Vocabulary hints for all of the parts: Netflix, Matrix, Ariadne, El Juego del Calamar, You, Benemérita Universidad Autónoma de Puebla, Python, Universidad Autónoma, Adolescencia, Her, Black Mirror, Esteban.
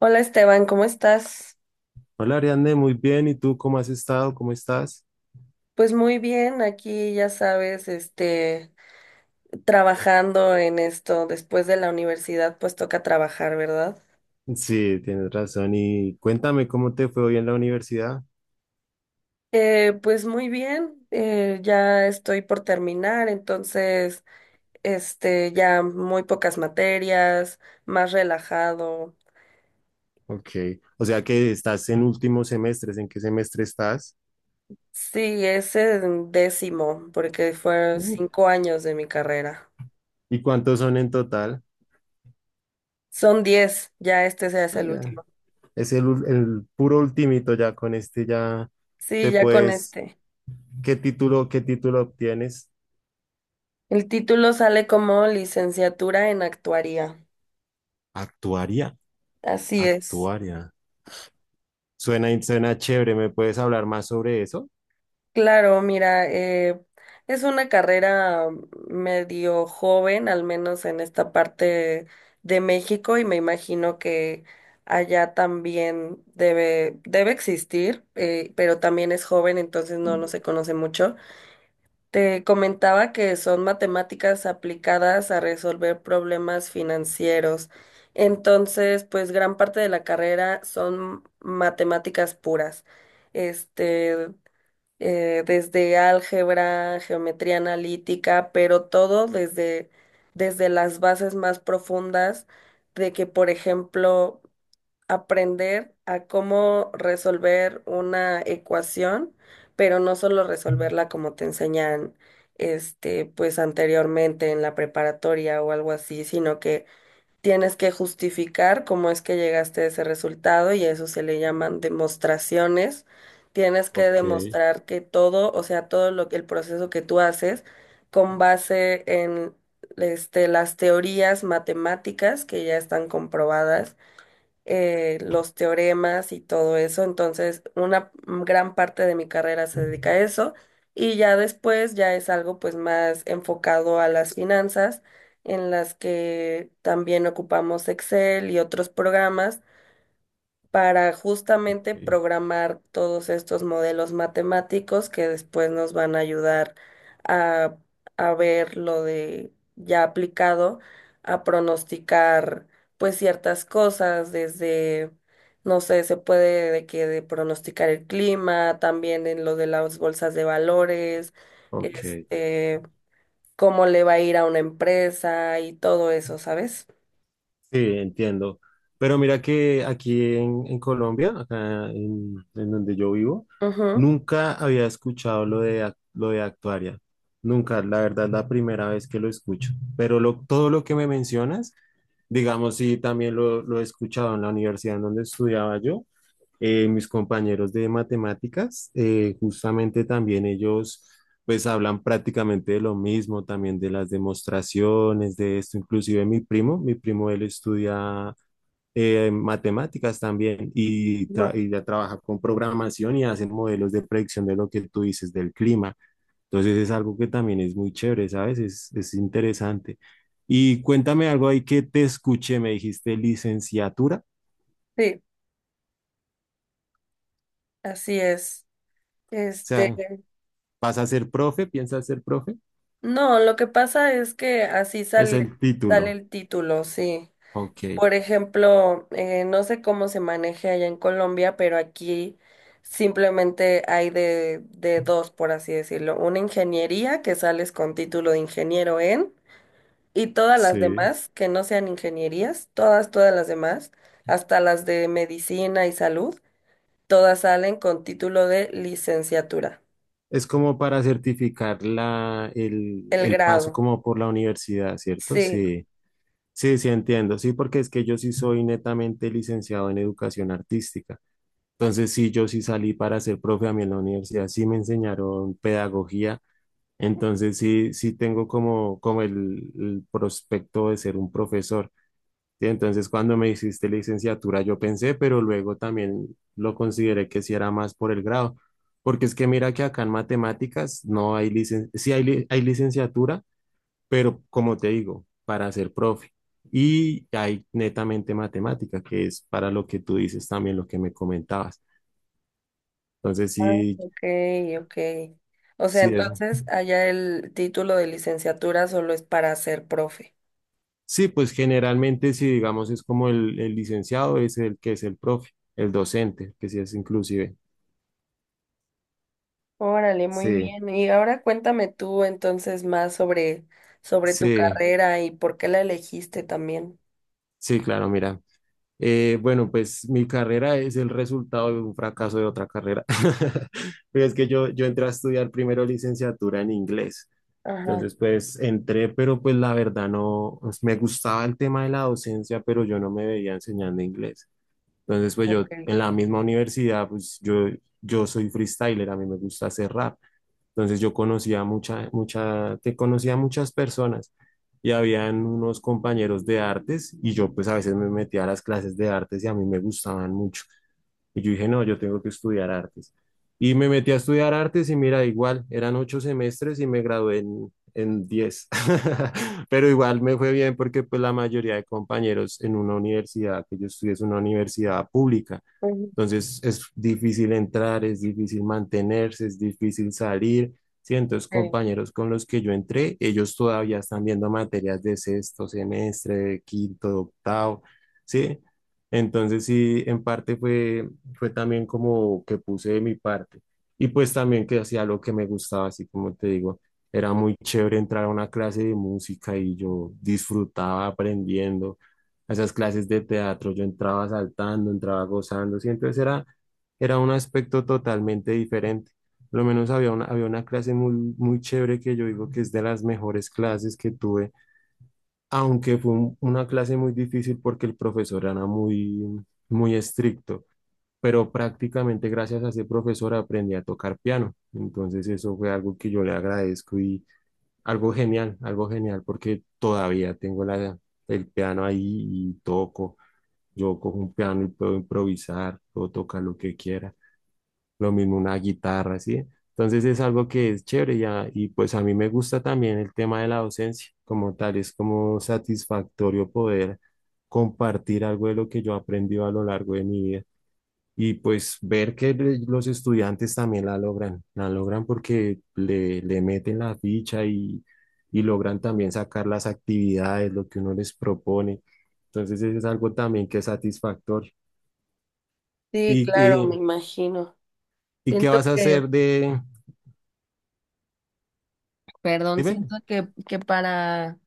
Hola, Esteban, ¿cómo estás? Hola Ariadne, muy bien. ¿Y tú cómo has estado? ¿Cómo estás? Pues muy bien, aquí ya sabes, trabajando en esto después de la universidad, pues toca trabajar, ¿verdad? Sí, tienes razón. Y cuéntame cómo te fue hoy en la universidad. Pues muy bien, ya estoy por terminar, entonces, ya muy pocas materias, más relajado. Ok. O sea que estás en últimos semestres. ¿En qué semestre estás? Sí, es el 10.º, porque fueron Uh. 5 años de mi carrera. ¿Y cuántos son en total? Son 10, ya este se hace Ah, el ya. último. Es el puro ultimito ya. Con este ya Sí, te ya con puedes. este. ¿Qué título obtienes? El título sale como licenciatura en actuaría. Actuaria. Así es. Actuaria. Suena chévere. ¿Me puedes hablar más sobre eso? Claro, mira, es una carrera medio joven, al menos en esta parte de México, y me imagino que allá también debe existir, pero también es joven, entonces no, no se conoce mucho. Te comentaba que son matemáticas aplicadas a resolver problemas financieros. Entonces, pues gran parte de la carrera son matemáticas puras. Este, desde álgebra, geometría analítica, pero todo desde las bases más profundas de que, por ejemplo, aprender a cómo resolver una ecuación, pero no solo resolverla como te enseñan, pues anteriormente en la preparatoria o algo así, sino que tienes que justificar cómo es que llegaste a ese resultado y a eso se le llaman demostraciones. Tienes que Ok, demostrar que todo, o sea, todo lo que el proceso que tú haces con base en las teorías matemáticas que ya están comprobadas, los teoremas y todo eso. Entonces, una gran parte de mi carrera se dedica a eso, y ya después ya es algo pues más enfocado a las finanzas, en las que también ocupamos Excel y otros programas para justamente ok, programar todos estos modelos matemáticos que después nos van a ayudar a, a ver lo de ya aplicado, a pronosticar pues ciertas cosas desde, no sé, se puede de que de pronosticar el clima, también en lo de las bolsas de valores, ok. este, cómo le va a ir a una empresa y todo eso, ¿sabes? Sí, entiendo. Pero mira que aquí en, Colombia, acá en donde yo vivo, Ujú. nunca había escuchado lo de actuaria. Nunca, la verdad, la primera vez que lo escucho. Pero todo lo que me mencionas, digamos, sí, también lo he escuchado en la universidad en donde estudiaba yo. Mis compañeros de matemáticas, justamente también ellos pues hablan prácticamente de lo mismo, también de las demostraciones, de esto, inclusive mi primo él estudia, matemáticas también, y, tra- Ujú. y ya trabaja con programación y hacen modelos de predicción de lo que tú dices del clima. Entonces es algo que también es muy chévere, ¿sabes? Es interesante. Y cuéntame algo ahí que te escuché, me dijiste licenciatura, o Sí, así es. sea, Este, ¿vas a ser profe? ¿Piensas ser profe? No, lo que pasa es que así Es sale, el sale título. el título, sí. Ok. Por ejemplo, no sé cómo se maneje allá en Colombia, pero aquí simplemente hay de dos, por así decirlo. Una ingeniería que sales con título de ingeniero en, y todas las Sí, demás que no sean ingenierías, todas las demás, hasta las de medicina y salud, todas salen con título de licenciatura, es como para certificar la, el, el el paso grado. como por la universidad, ¿cierto? Sí. Sí, sí, sí entiendo. Sí, porque es que yo sí soy netamente licenciado en educación artística. Entonces, sí, yo sí salí para ser profe. A mí en la universidad sí me enseñaron pedagogía. Entonces, sí, sí tengo como, el prospecto de ser un profesor. Sí, entonces cuando me hiciste licenciatura yo pensé, pero luego también lo consideré que sí era más por el grado, porque es que mira que acá en matemáticas no hay licenciatura, sí hay licenciatura, pero como te digo, para ser profe. Y hay netamente matemática, que es para lo que tú dices también, lo que me comentabas. Entonces Ah, sí, ok, ok. O sea, sí es. entonces allá el título de licenciatura solo es para ser profe. Sí, pues generalmente si digamos es como el, licenciado es el que es el profe, el docente, que sí es inclusive. Órale, muy Sí. bien. Y ahora cuéntame tú entonces más sobre, sobre tu Sí, carrera y por qué la elegiste también. sí, claro, mira. Bueno, pues mi carrera es el resultado de un fracaso de otra carrera. Pero es que yo entré a estudiar primero licenciatura en inglés. Ajá, Entonces, pues entré, pero pues la verdad no, pues, me gustaba el tema de la docencia, pero yo no me veía enseñando inglés. Entonces, pues yo ok. en la misma universidad, pues yo soy freestyler, a mí me gusta hacer rap. Entonces yo conocía te conocía muchas personas y habían unos compañeros de artes y yo pues a veces me metía a las clases de artes y a mí me gustaban mucho. Y yo dije, no, yo tengo que estudiar artes. Y me metí a estudiar artes y mira, igual, eran 8 semestres y me gradué en, 10. Pero igual me fue bien porque pues la mayoría de compañeros en una universidad, que yo estudié es una universidad pública. Ujú. Entonces es difícil entrar, es difícil mantenerse, es difícil salir. Sí, entonces Sí, compañeros con los que yo entré, ellos todavía están viendo materias de sexto semestre, de quinto, de octavo, ¿sí? Entonces sí, en parte fue, también como que puse de mi parte. Y pues también que hacía lo que me gustaba, así como te digo, era muy chévere entrar a una clase de música y yo disfrutaba aprendiendo a esas clases de teatro. Yo entraba saltando, entraba gozando, sí, entonces era un aspecto totalmente diferente. Por lo menos había una clase muy, muy chévere que yo digo que es de las mejores clases que tuve, aunque fue una clase muy difícil porque el profesor era muy, muy estricto, pero prácticamente gracias a ese profesor aprendí a tocar piano. Entonces eso fue algo que yo le agradezco y algo genial porque todavía tengo la, el piano ahí y toco. Yo cojo un piano y puedo improvisar, puedo tocar lo que quiera. Lo mismo una guitarra, ¿sí? Entonces es algo que es chévere ya. Y pues a mí me gusta también el tema de la docencia como tal. Es como satisfactorio poder compartir algo de lo que yo he aprendido a lo largo de mi vida. Y pues ver que los estudiantes también la logran porque le meten la ficha y logran también sacar las actividades, lo que uno les propone. Entonces, eso es algo también que es satisfactorio. sí, ¿Y, claro, y, me imagino. y qué Siento vas a que, hacer de...? perdón, Dime. siento que para,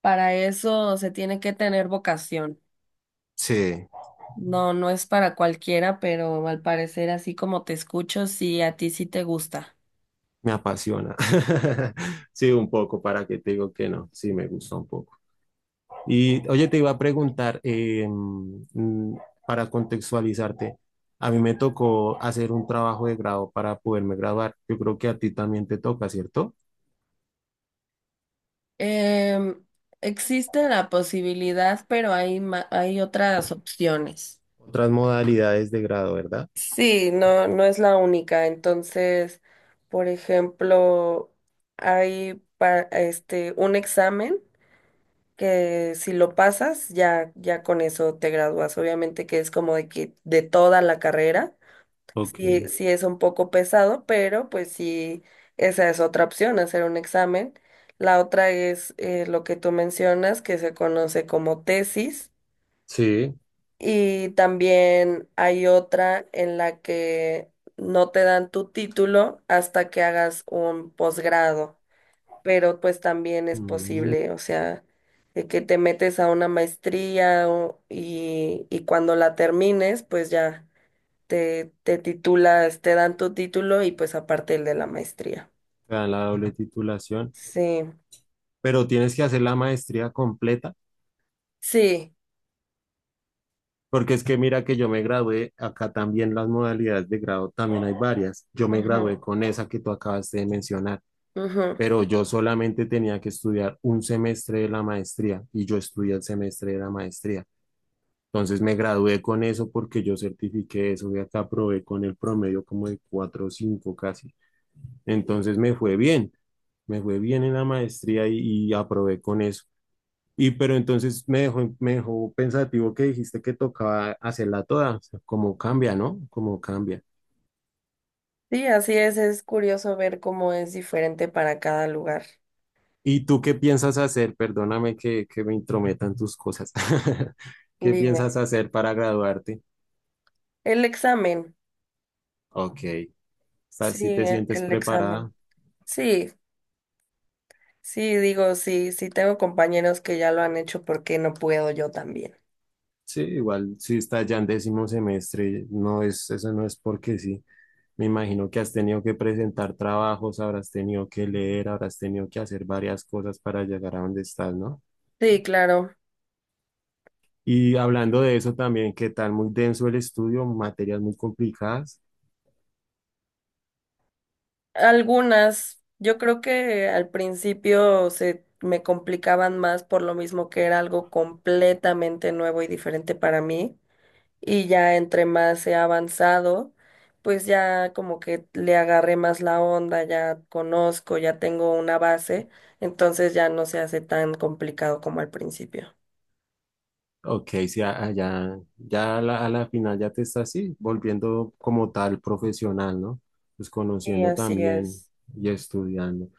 para eso se tiene que tener vocación. Sí, No, no es para cualquiera, pero al parecer, así como te escucho, sí, a ti sí te gusta. me apasiona. Sí, un poco, para que te digo que no. Sí, me gusta un poco. Y oye, te iba a preguntar, para contextualizarte, a mí me tocó hacer un trabajo de grado para poderme graduar. Yo creo que a ti también te toca, ¿cierto? Em, existe la posibilidad, pero hay otras opciones. Otras modalidades de grado, ¿verdad? Sí, no, no es la única. Entonces, por ejemplo, hay un examen que si lo pasas, ya, ya con eso te gradúas. Obviamente que es como de que de toda la carrera. Ok. Sí, sí es un poco pesado, pero pues sí, esa es otra opción, hacer un examen. La otra es, lo que tú mencionas, que se conoce como tesis. Sí. Y también hay otra en la que no te dan tu título hasta que hagas un posgrado, pero pues también es Mm, posible, o sea, de que te metes a una maestría y cuando la termines, pues ya te titulas, te dan tu título y pues aparte el de la maestría. te dan la doble titulación, Sí, pero tienes que hacer la maestría completa. sí. Porque es que mira que yo me gradué, acá también las modalidades de grado también hay varias. Yo me Ujú, gradué con esa que tú acabaste de mencionar, ujú. pero yo solamente tenía que estudiar un semestre de la maestría y yo estudié el semestre de la maestría. Entonces me gradué con eso porque yo certifiqué eso y acá aprobé con el promedio como de 4 o 5 casi. Entonces me fue bien, en la maestría y aprobé con eso. Y pero entonces me dejó pensativo que dijiste que tocaba hacerla toda, o sea, como cambia, ¿no? Como cambia. Sí, así es curioso ver cómo es diferente para cada lugar. ¿Y tú qué piensas hacer? Perdóname que me intrometan tus cosas. ¿Qué Dime, piensas hacer para graduarte? el examen. Ok, ¿estás, Sí, si ¿sí te el, sientes el preparada? examen. Sí, sí, digo, sí, sí tengo compañeros que ya lo han hecho, porque no puedo yo también. Sí, igual si estás ya en décimo semestre, no es, eso no es porque sí. Me imagino que has tenido que presentar trabajos, habrás tenido que leer, habrás tenido que hacer varias cosas para llegar a donde estás, ¿no? Sí, claro. Y hablando de eso también, ¿qué tal? Muy denso el estudio, materias muy complicadas. Algunas, yo creo que al principio se me complicaban más por lo mismo que era algo completamente nuevo y diferente para mí. Y ya entre más he avanzado, pues ya como que le agarré más la onda, ya conozco, ya tengo una base, entonces ya no se hace tan complicado como al principio. Ok, sí, ya, ya a la, final ya te estás así, volviendo como tal profesional, ¿no? Pues Sí, conociendo así también es. y estudiando.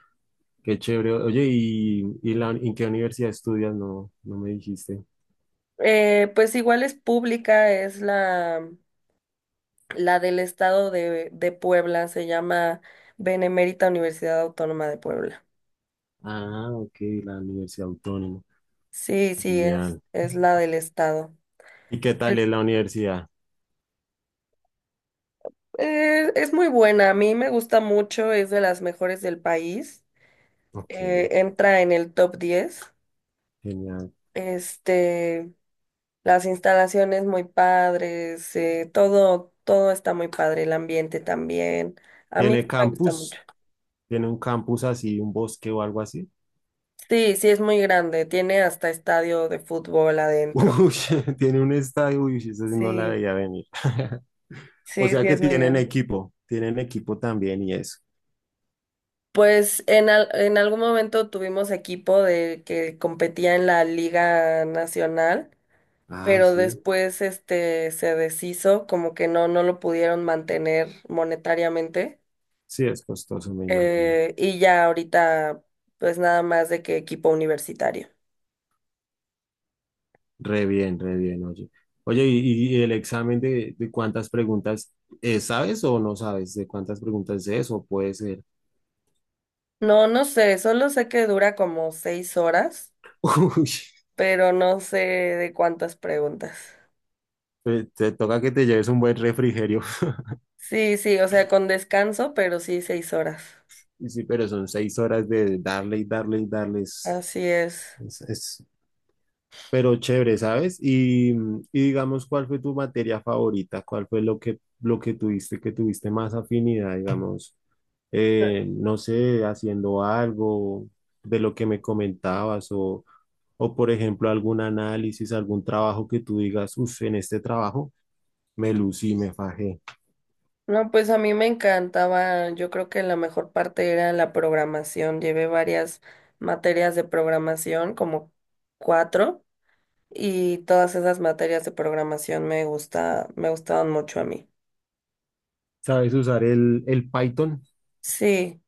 Qué chévere. Oye, ¿En qué universidad estudias? No, no me dijiste. Pues igual es pública, es la del estado de Puebla. Se llama Benemérita Universidad Autónoma de Puebla. Ah, ok, la Universidad Autónoma. Sí, sí, es, Genial. es la del estado. ¿Y qué tal Pues es la universidad? eh, es muy buena, a mí me gusta mucho, es de las mejores del país. eh, Ok, entra en el top 10. genial. Este, las instalaciones muy padres, todo está muy padre, el ambiente también. A mí sí ¿Tiene me gusta mucho. campus? ¿Tiene un campus así, un bosque o algo así? Sí, sí, es muy grande, tiene hasta estadio de fútbol Uy, adentro. tiene un estadio, uy, esa sí no la Sí. veía venir. O Sí, sea sí, que es muy tienen grande. equipo, tienen equipo también y eso. Pues en algún momento tuvimos equipo de que competía en la Liga Nacional, Ah, pero sí, después este se deshizo, como que no, no lo pudieron mantener monetariamente. sí, es costoso, me imagino. Y ya ahorita, pues nada más de que equipo universitario. Re bien, oye. Oye, ¿y el examen de cuántas preguntas sabes o no sabes de cuántas preguntas es o puede ser? No, no sé, solo sé que dura como 6 horas, Uy, pero no sé de cuántas preguntas. te toca que te lleves un buen refrigerio. Sí, sí, o sea, con descanso, pero sí 6 horas. Y sí, pero son 6 horas de darle y darle y darles. Así es. Pero chévere, ¿sabes? Y digamos, ¿cuál fue tu materia favorita? ¿Cuál fue que tuviste más afinidad, digamos? No sé, haciendo algo de lo que me comentabas por ejemplo, algún análisis, algún trabajo que tú digas, uff, en este trabajo me lucí, me fajé. No, pues a mí me encantaba, yo creo que la mejor parte era la programación. Llevé varias materias de programación, como cuatro, y todas esas materias de programación me gusta, me gustaban mucho a mí. ¿Sabes usar el Python? Sí,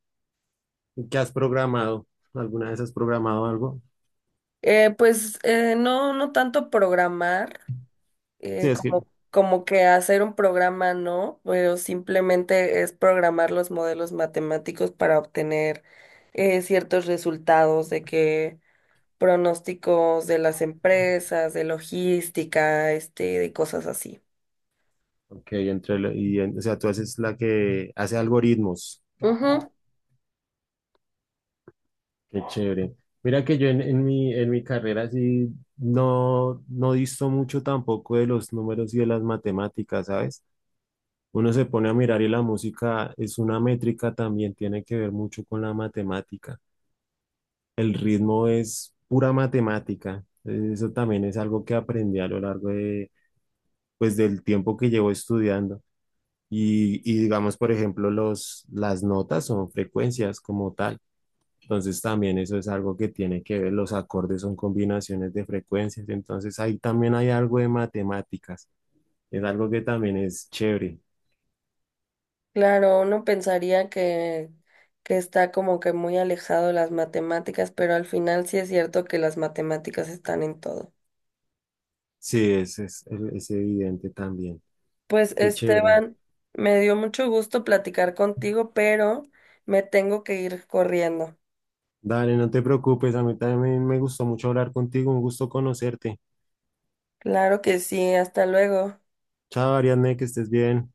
¿Qué has programado? ¿Alguna vez has programado algo? pues, no, no tanto programar, Sí, es que, como que hacer un programa no, pero simplemente es programar los modelos matemáticos para obtener, ciertos resultados de que pronósticos de las empresas, de logística, de cosas así. ok, entre, lo- y, en- o sea, tú haces la que hace algoritmos. Ujú. Qué chévere. Mira que yo en, en mi carrera sí no disto mucho tampoco de los números y de las matemáticas, ¿sabes? Uno se pone a mirar y la música es una métrica, también tiene que ver mucho con la matemática. El ritmo es pura matemática. Eso también es algo que aprendí a lo largo de, pues, del tiempo que llevo estudiando. Y digamos, por ejemplo, las notas son frecuencias como tal. Entonces también eso es algo que tiene que ver, los acordes son combinaciones de frecuencias, entonces ahí también hay algo de matemáticas, es algo que también es chévere. Claro, uno pensaría que está como que muy alejado de las matemáticas, pero al final sí es cierto que las matemáticas están en todo. Sí, es evidente también. Pues, Qué chévere. Esteban, me dio mucho gusto platicar contigo, pero me tengo que ir corriendo. Dale, no te preocupes, a mí también me gustó mucho hablar contigo, un gusto conocerte. Claro que sí, hasta luego. Chao, Ariadne, que estés bien.